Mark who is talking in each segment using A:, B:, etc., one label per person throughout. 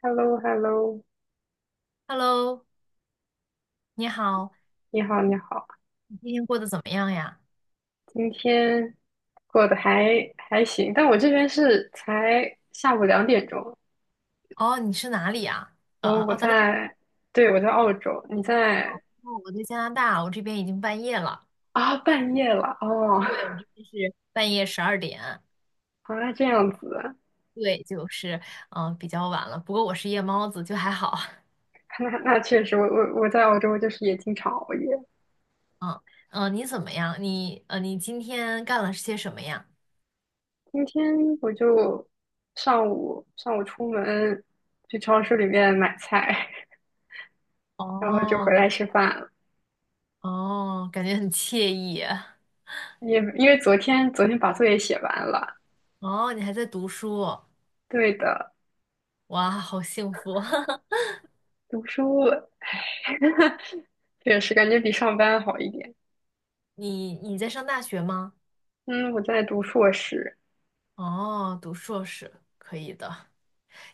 A: h e l l o hello
B: Hello，你好，
A: 你好，你好，
B: 你今天过得怎么样呀？
A: 今天过得还行，但我这边是才下午2点钟，
B: 哦，你是哪里呀？
A: 然后我
B: 澳大利亚，
A: 在，对，我在澳洲，你在
B: 哦我在加拿大，我这边已经半夜了。
A: 啊，半夜了哦，
B: 对，我这边是半夜十二点。
A: 啊，这样子，
B: 对，就是比较晚了。不过我是夜猫子，就还好。
A: 那确实，我在澳洲就是也经常熬夜，
B: 嗯你怎么样？你今天干了些什么呀？
A: 今天我就上午出门去超市里面买菜，然后就
B: 哦
A: 回来吃饭了，
B: 哦，感觉很惬意。
A: 也因为昨天把作业写完了。
B: 哦，你还在读书，
A: 对的，
B: 哇，好幸福。
A: 读书，唉，确实感觉比上班好一点。
B: 你在上大学吗？
A: 嗯，我在读硕士，
B: 哦，读硕士，可以的。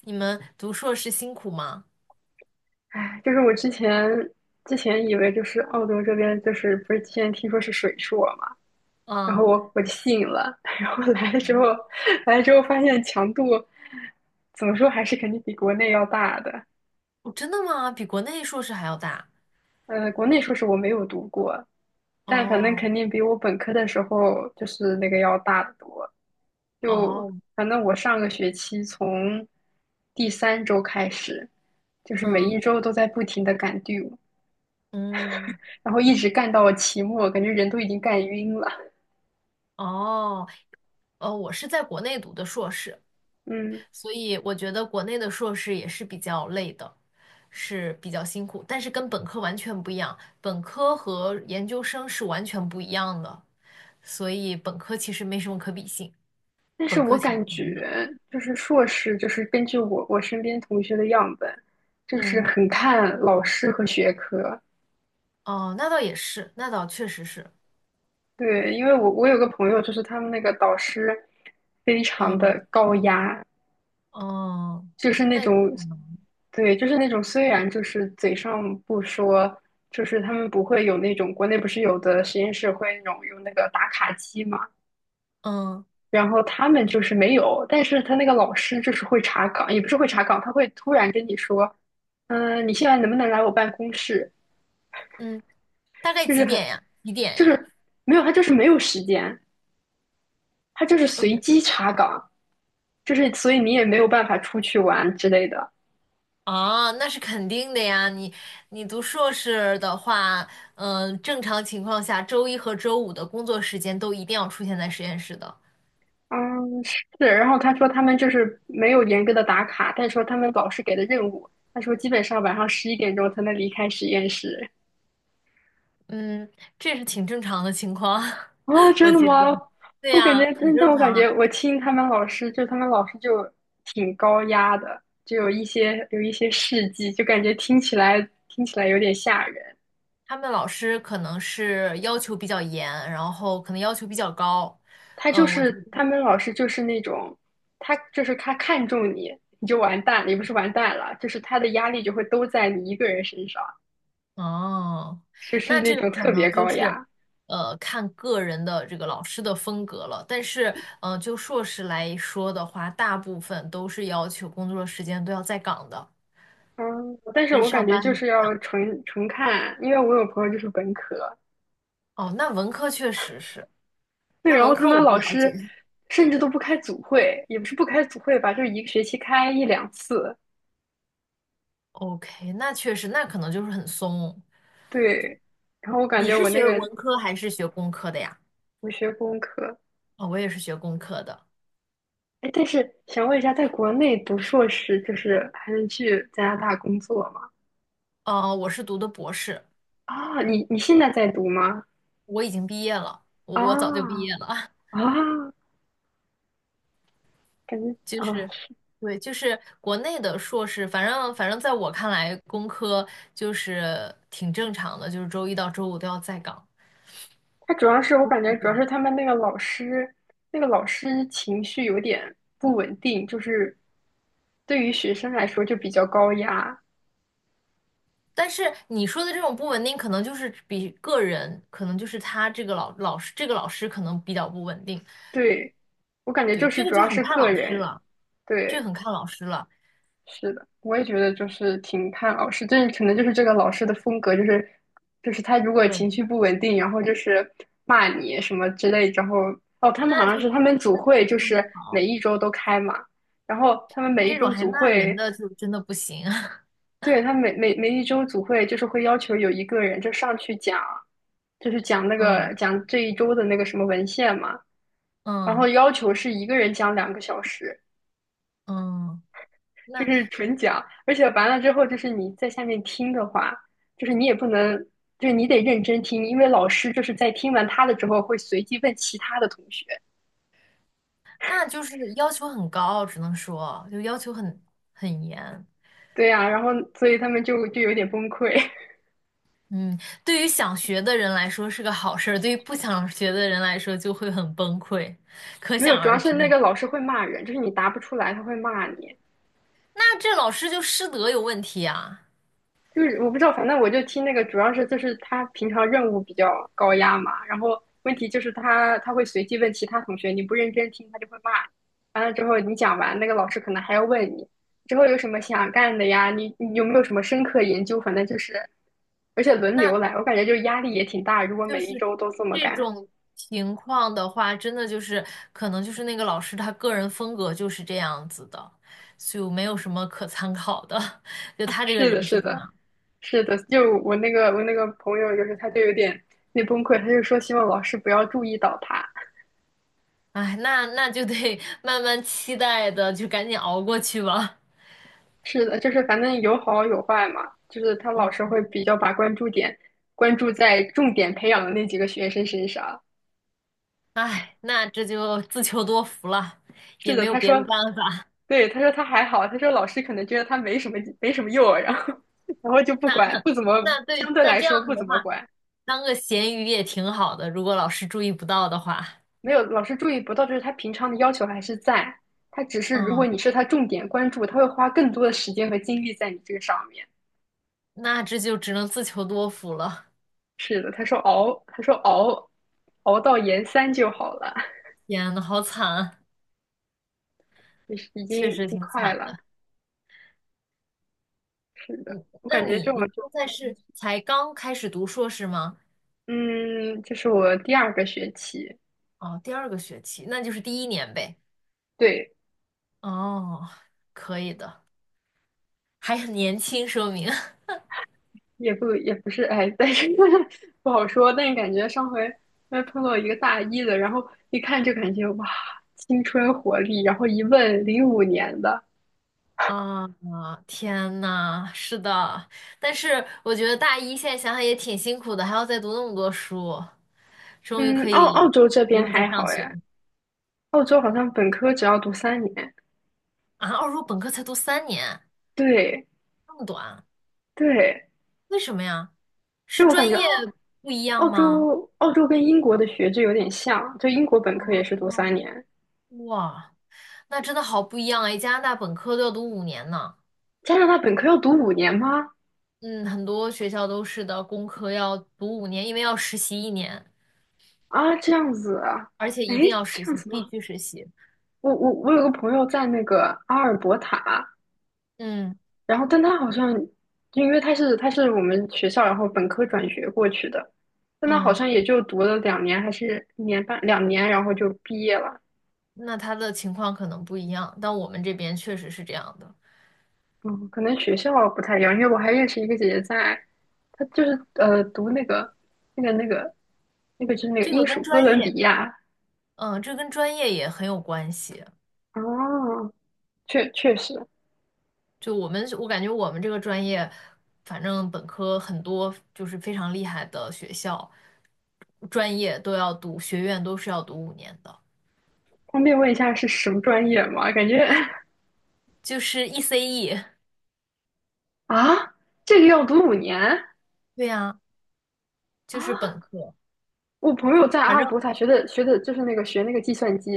B: 你们读硕士辛苦吗？
A: 唉，就是我之前以为就是澳洲这边就是不是之前听说是水硕嘛，然后
B: 啊
A: 我就信了，然后来了
B: 嗯，
A: 之后
B: 嗯
A: 来了之后发现强度怎么说还是肯定比国内要大的。
B: 哦，真的吗？比国内硕士还要大？
A: 呃，国内硕士我没有读过，但反正
B: 哦
A: 肯定比我本科的时候就是那个要大得多。就
B: 哦，
A: 反正我上个学期从第三周开始，就是每
B: 嗯
A: 一周都在不停的赶 due，
B: 嗯，
A: 然后一直干到期末，感觉人都已经干晕了。
B: 哦哦，我是在国内读的硕士，
A: 嗯，
B: 所以我觉得国内的硕士也是比较累的，是比较辛苦，但是跟本科完全不一样，本科和研究生是完全不一样的，所以本科其实没什么可比性，
A: 但是
B: 本
A: 我
B: 科挺
A: 感
B: 闲的。
A: 觉就是硕士，就是根据我身边同学的样本，就是
B: 嗯，
A: 很看老师和学科。
B: 哦，那倒也是，那倒确实是。
A: 对，因为我有个朋友，就是他们那个导师非常
B: 嗯。
A: 的高压，
B: 哦，
A: 就是那
B: 那有
A: 种，
B: 可能。
A: 对，就是那种，虽然就是嘴上不说，就是他们不会有那种国内不是有的实验室会那种用那个打卡机嘛，
B: 嗯
A: 然后他们就是没有，但是他那个老师就是会查岗，也不是会查岗，他会突然跟你说，你现在能不能来我办公室？
B: 嗯，大概
A: 就是
B: 几点
A: 很，
B: 呀？几点
A: 就
B: 呀？
A: 是没有，他就是没有时间，他就是
B: 嗯
A: 随机查岗，就是所以你也没有办法出去玩之类的。
B: 啊，那是肯定的呀。你读硕士的话，正常情况下，周一和周五的工作时间都一定要出现在实验室的。
A: 嗯，是。然后他说他们就是没有严格的打卡，但是说他们老师给的任务，他说基本上晚上11点钟才能离开实验室。
B: 嗯，这是挺正常的情况，
A: 啊，
B: 我
A: 真的
B: 觉
A: 吗？
B: 得。对
A: 我感觉，
B: 呀，很
A: 但
B: 正
A: 我感
B: 常啊。
A: 觉我听他们老师，就他们老师就挺高压的，就有一些事迹，就感觉听起来有点吓人。
B: 他们老师可能是要求比较严，然后可能要求比较高。
A: 他就
B: 嗯，我觉
A: 是
B: 得
A: 他们老师就是那种，他就是他看中你，你就完蛋了，也不是完蛋了，就是他的压力就会都在你一个人身上。
B: 哦，
A: 就是
B: 那
A: 那
B: 这个
A: 种
B: 可
A: 特别
B: 能就
A: 高
B: 是，
A: 雅。
B: 呃，看个人的这个老师的风格了。但是，呃，就硕士来说的话，大部分都是要求工作时间都要在岗的，
A: 嗯，但是
B: 跟
A: 我感
B: 上
A: 觉
B: 班
A: 就
B: 很。
A: 是要纯纯看，因为我有朋友就是本科，
B: 哦，那文科确实是，
A: 对，
B: 那
A: 然
B: 文
A: 后他
B: 科
A: 们
B: 我不
A: 老
B: 了
A: 师
B: 解。
A: 甚至都不开组会，也不是不开组会吧，就是一个学期开一两次，
B: OK，那确实，那可能就是很松。
A: 对。然后我感
B: 你
A: 觉
B: 是
A: 我那
B: 学
A: 个
B: 文科还是学工科的呀？
A: 我学工科，
B: 哦，我也是学工科的。
A: 哎，但是想问一下，在国内读硕士就是还能去加拿大工作吗？
B: 哦，我是读的博士，
A: 啊，你现在在读吗？
B: 我已经毕业了，我早就毕
A: 啊
B: 业了。
A: 啊，感觉
B: 就
A: 啊。
B: 是，对，就是国内的硕士，反正在我看来，工科就是挺正常的，就是周一到周五都要在岗。
A: 他主要是我感觉主要是他们那个老师，那个老师情绪有点不稳定，就是对于学生来说就比较高压。
B: 但是你说的这种不稳定，可能就是比个人，可能就是他这个老师，这个老师可能比较不稳定。
A: 对，我感觉
B: 对，
A: 就是
B: 这个
A: 主
B: 就
A: 要
B: 很
A: 是
B: 看
A: 个
B: 老师
A: 人。
B: 了，这个
A: 对，
B: 很看老师了。
A: 是的，我也觉得就是挺看老师，这可能就是这个老师的风格，就是就是他如果
B: 对，
A: 情绪不稳定，然后就是骂你什么之类，然后哦，他们好
B: 那
A: 像
B: 就
A: 是他们组
B: 那就
A: 会
B: 非
A: 就
B: 常
A: 是
B: 不好，
A: 每一周都开嘛。然后他们
B: 那
A: 每一
B: 这种
A: 周
B: 还
A: 组
B: 骂人
A: 会
B: 的就真的不行。
A: 对，他每一周组会就是会要求有一个人就上去讲，就是讲那个
B: 嗯
A: 讲这一周的那个什么文献嘛，然后
B: 嗯
A: 要求是一个人讲2个小时，
B: 嗯，
A: 就
B: 那。
A: 是纯讲，而且完了之后就是你在下面听的话，就是你也不能，就是你得认真听，因为老师就是在听完他的之后会随机问其他的同学，
B: 那就是要求很高，只能说就要求很严。
A: 对呀，然后所以他们就有点崩溃，
B: 嗯，对于想学的人来说是个好事儿，对于不想学的人来说就会很崩溃，可
A: 没有，
B: 想
A: 主要
B: 而
A: 是
B: 知。
A: 那个老师会骂人，就是你答不出来他会骂你。
B: 那这老师就师德有问题啊？
A: 就是我不知道，反正我就听那个，主要是就是他平常任务比较高压嘛，然后问题就是他会随机问其他同学，你不认真听他就会骂，完了之后你讲完，那个老师可能还要问你之后有什么想干的呀，你有没有什么深刻研究，反正就是，而且轮流
B: 那
A: 来，我感觉就压力也挺大，如果
B: 就
A: 每一
B: 是
A: 周都这么
B: 这
A: 干，
B: 种情况的话，真的就是可能就是那个老师他个人风格就是这样子的，就没有什么可参考的，就他这个
A: 是的，
B: 人
A: 是
B: 是这
A: 的，
B: 样。
A: 是的，就我那个朋友就是他就有点那崩溃，他就说希望老师不要注意到他。
B: 哎，那就得慢慢期待的，就赶紧熬过去吧。
A: 是的，就是反正有好有坏嘛，就是他老师
B: 嗯，
A: 会比较把关注点关注在重点培养的那几个学生身上。
B: 哎，那这就自求多福了，也
A: 是
B: 没
A: 的，
B: 有
A: 他
B: 别的
A: 说，
B: 办法。
A: 对，他说他还好，他说老师可能觉得他没什么用，然后 然后就不
B: 那
A: 管，不怎么
B: 那对，
A: 相对
B: 那
A: 来
B: 这
A: 说
B: 样子
A: 不
B: 的
A: 怎么
B: 话，
A: 管，
B: 当个咸鱼也挺好的，如果老师注意不到的话，
A: 没有老师注意不到，就是他平常的要求还是在，他只是如果
B: 嗯，
A: 你是他重点关注，他会花更多的时间和精力在你这个上面。
B: 那这就只能自求多福了。
A: 是的，他说熬，他说熬，熬到研三就好了，
B: 天呐，好惨啊，
A: 就是已经
B: 确
A: 已
B: 实
A: 经
B: 挺
A: 快
B: 惨
A: 了。
B: 的。
A: 是的，我
B: 那
A: 感觉这
B: 你
A: 种
B: 你
A: 就
B: 现
A: 看
B: 在
A: 运
B: 是
A: 气
B: 才刚开始读硕士吗？
A: 嗯，这是我第二个学期，
B: 哦，第二个学期，那就是第一年呗。
A: 对，
B: 哦，可以的，还很年轻，说明。
A: 也不是，哎，但是 不好说。但是感觉上回因为碰到一个大一的，然后一看就感觉哇，青春活力，然后一问05年的，
B: 啊，天呐，是的，但是我觉得大一现在想想也挺辛苦的，还要再读那么多书，终于
A: 嗯，
B: 可
A: 澳
B: 以
A: 澳洲这
B: 不
A: 边
B: 用再
A: 还好
B: 上学了
A: 哎，澳洲好像本科只要读三年，
B: 啊！二硕本科才读三年，
A: 对
B: 那么短，
A: 对，
B: 为什么呀？是
A: 就我
B: 专
A: 感觉
B: 业
A: 澳
B: 不一样
A: 澳
B: 吗？
A: 洲澳洲跟英国的学制有点像，就英国本科也是读
B: 哦，
A: 三年，
B: 哇，那真的好不一样哎！加拿大本科都要读五年呢，
A: 加拿大本科要读五年吗？
B: 嗯，很多学校都是的，工科要读五年，因为要实习一年，
A: 啊，这样子啊，
B: 而且一定
A: 诶，
B: 要
A: 这
B: 实
A: 样
B: 习，
A: 子
B: 必
A: 吗？
B: 须实习，
A: 我有个朋友在那个阿尔伯塔，
B: 嗯
A: 然后但他好像，因为他是我们学校，然后本科转学过去的，但他好
B: 嗯。
A: 像也就读了两年还是1年半两年，然后就毕业了。
B: 那他的情况可能不一样，但我们这边确实是这样的。
A: 嗯，可能学校不太一样，因为我还认识一个姐姐在，她就是读那个那个那个就是那个
B: 这
A: 英
B: 个
A: 属
B: 跟
A: 哥
B: 专
A: 伦比
B: 业，
A: 亚。
B: 嗯，这跟专业也很有关系。
A: 哦，确实，
B: 就我们，我感觉我们这个专业，反正本科很多就是非常厉害的学校，专业都要读，学院都是要读五年的，
A: 方便问一下是什么专业吗？感觉。
B: 就是 ECE。
A: 啊，这个要读五年
B: 对呀，就是
A: 啊！
B: 本科。
A: 我朋友在阿
B: 反
A: 尔
B: 正，
A: 伯塔学的就是那个学那个计算机，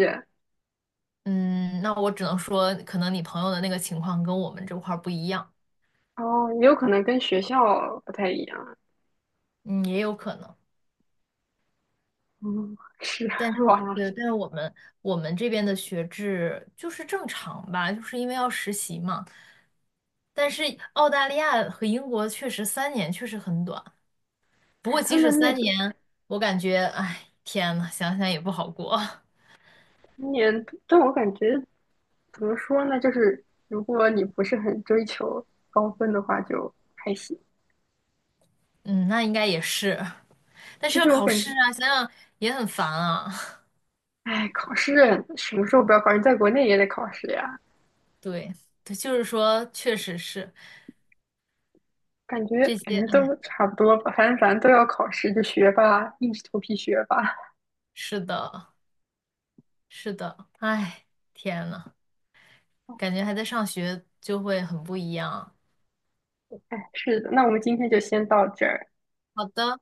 B: 嗯，那我只能说，可能你朋友的那个情况跟我们这块儿不一样，
A: 哦，也有可能跟学校不太一样。
B: 嗯，也有可能。
A: 嗯，是
B: 但是我
A: 哇，
B: 对，但是我们这边的学制就是正常吧，就是因为要实习嘛。但是澳大利亚和英国确实三年确实很短，不
A: 哎，
B: 过
A: 他
B: 即使
A: 们那
B: 三
A: 个
B: 年，我感觉，哎，天呐，想想也不好过。
A: 今年，但我感觉怎么说呢，就是如果你不是很追求高分的话，就还行。
B: 嗯，那应该也是，但是
A: 而
B: 要
A: 且我
B: 考
A: 感
B: 试
A: 觉，
B: 啊，想想也很烦啊。
A: 哎，考试什么时候不要考试？在国内也得考试呀，
B: 对，对，就是说，确实是
A: 感觉
B: 这
A: 感
B: 些，
A: 觉
B: 哎，
A: 都差不多吧，反正都要考试，就学吧，硬着头皮学吧。
B: 是的，是的，哎，天呐，感觉还在上学就会很不一样。
A: 哎，是的，那我们今天就先到这儿。
B: 好的。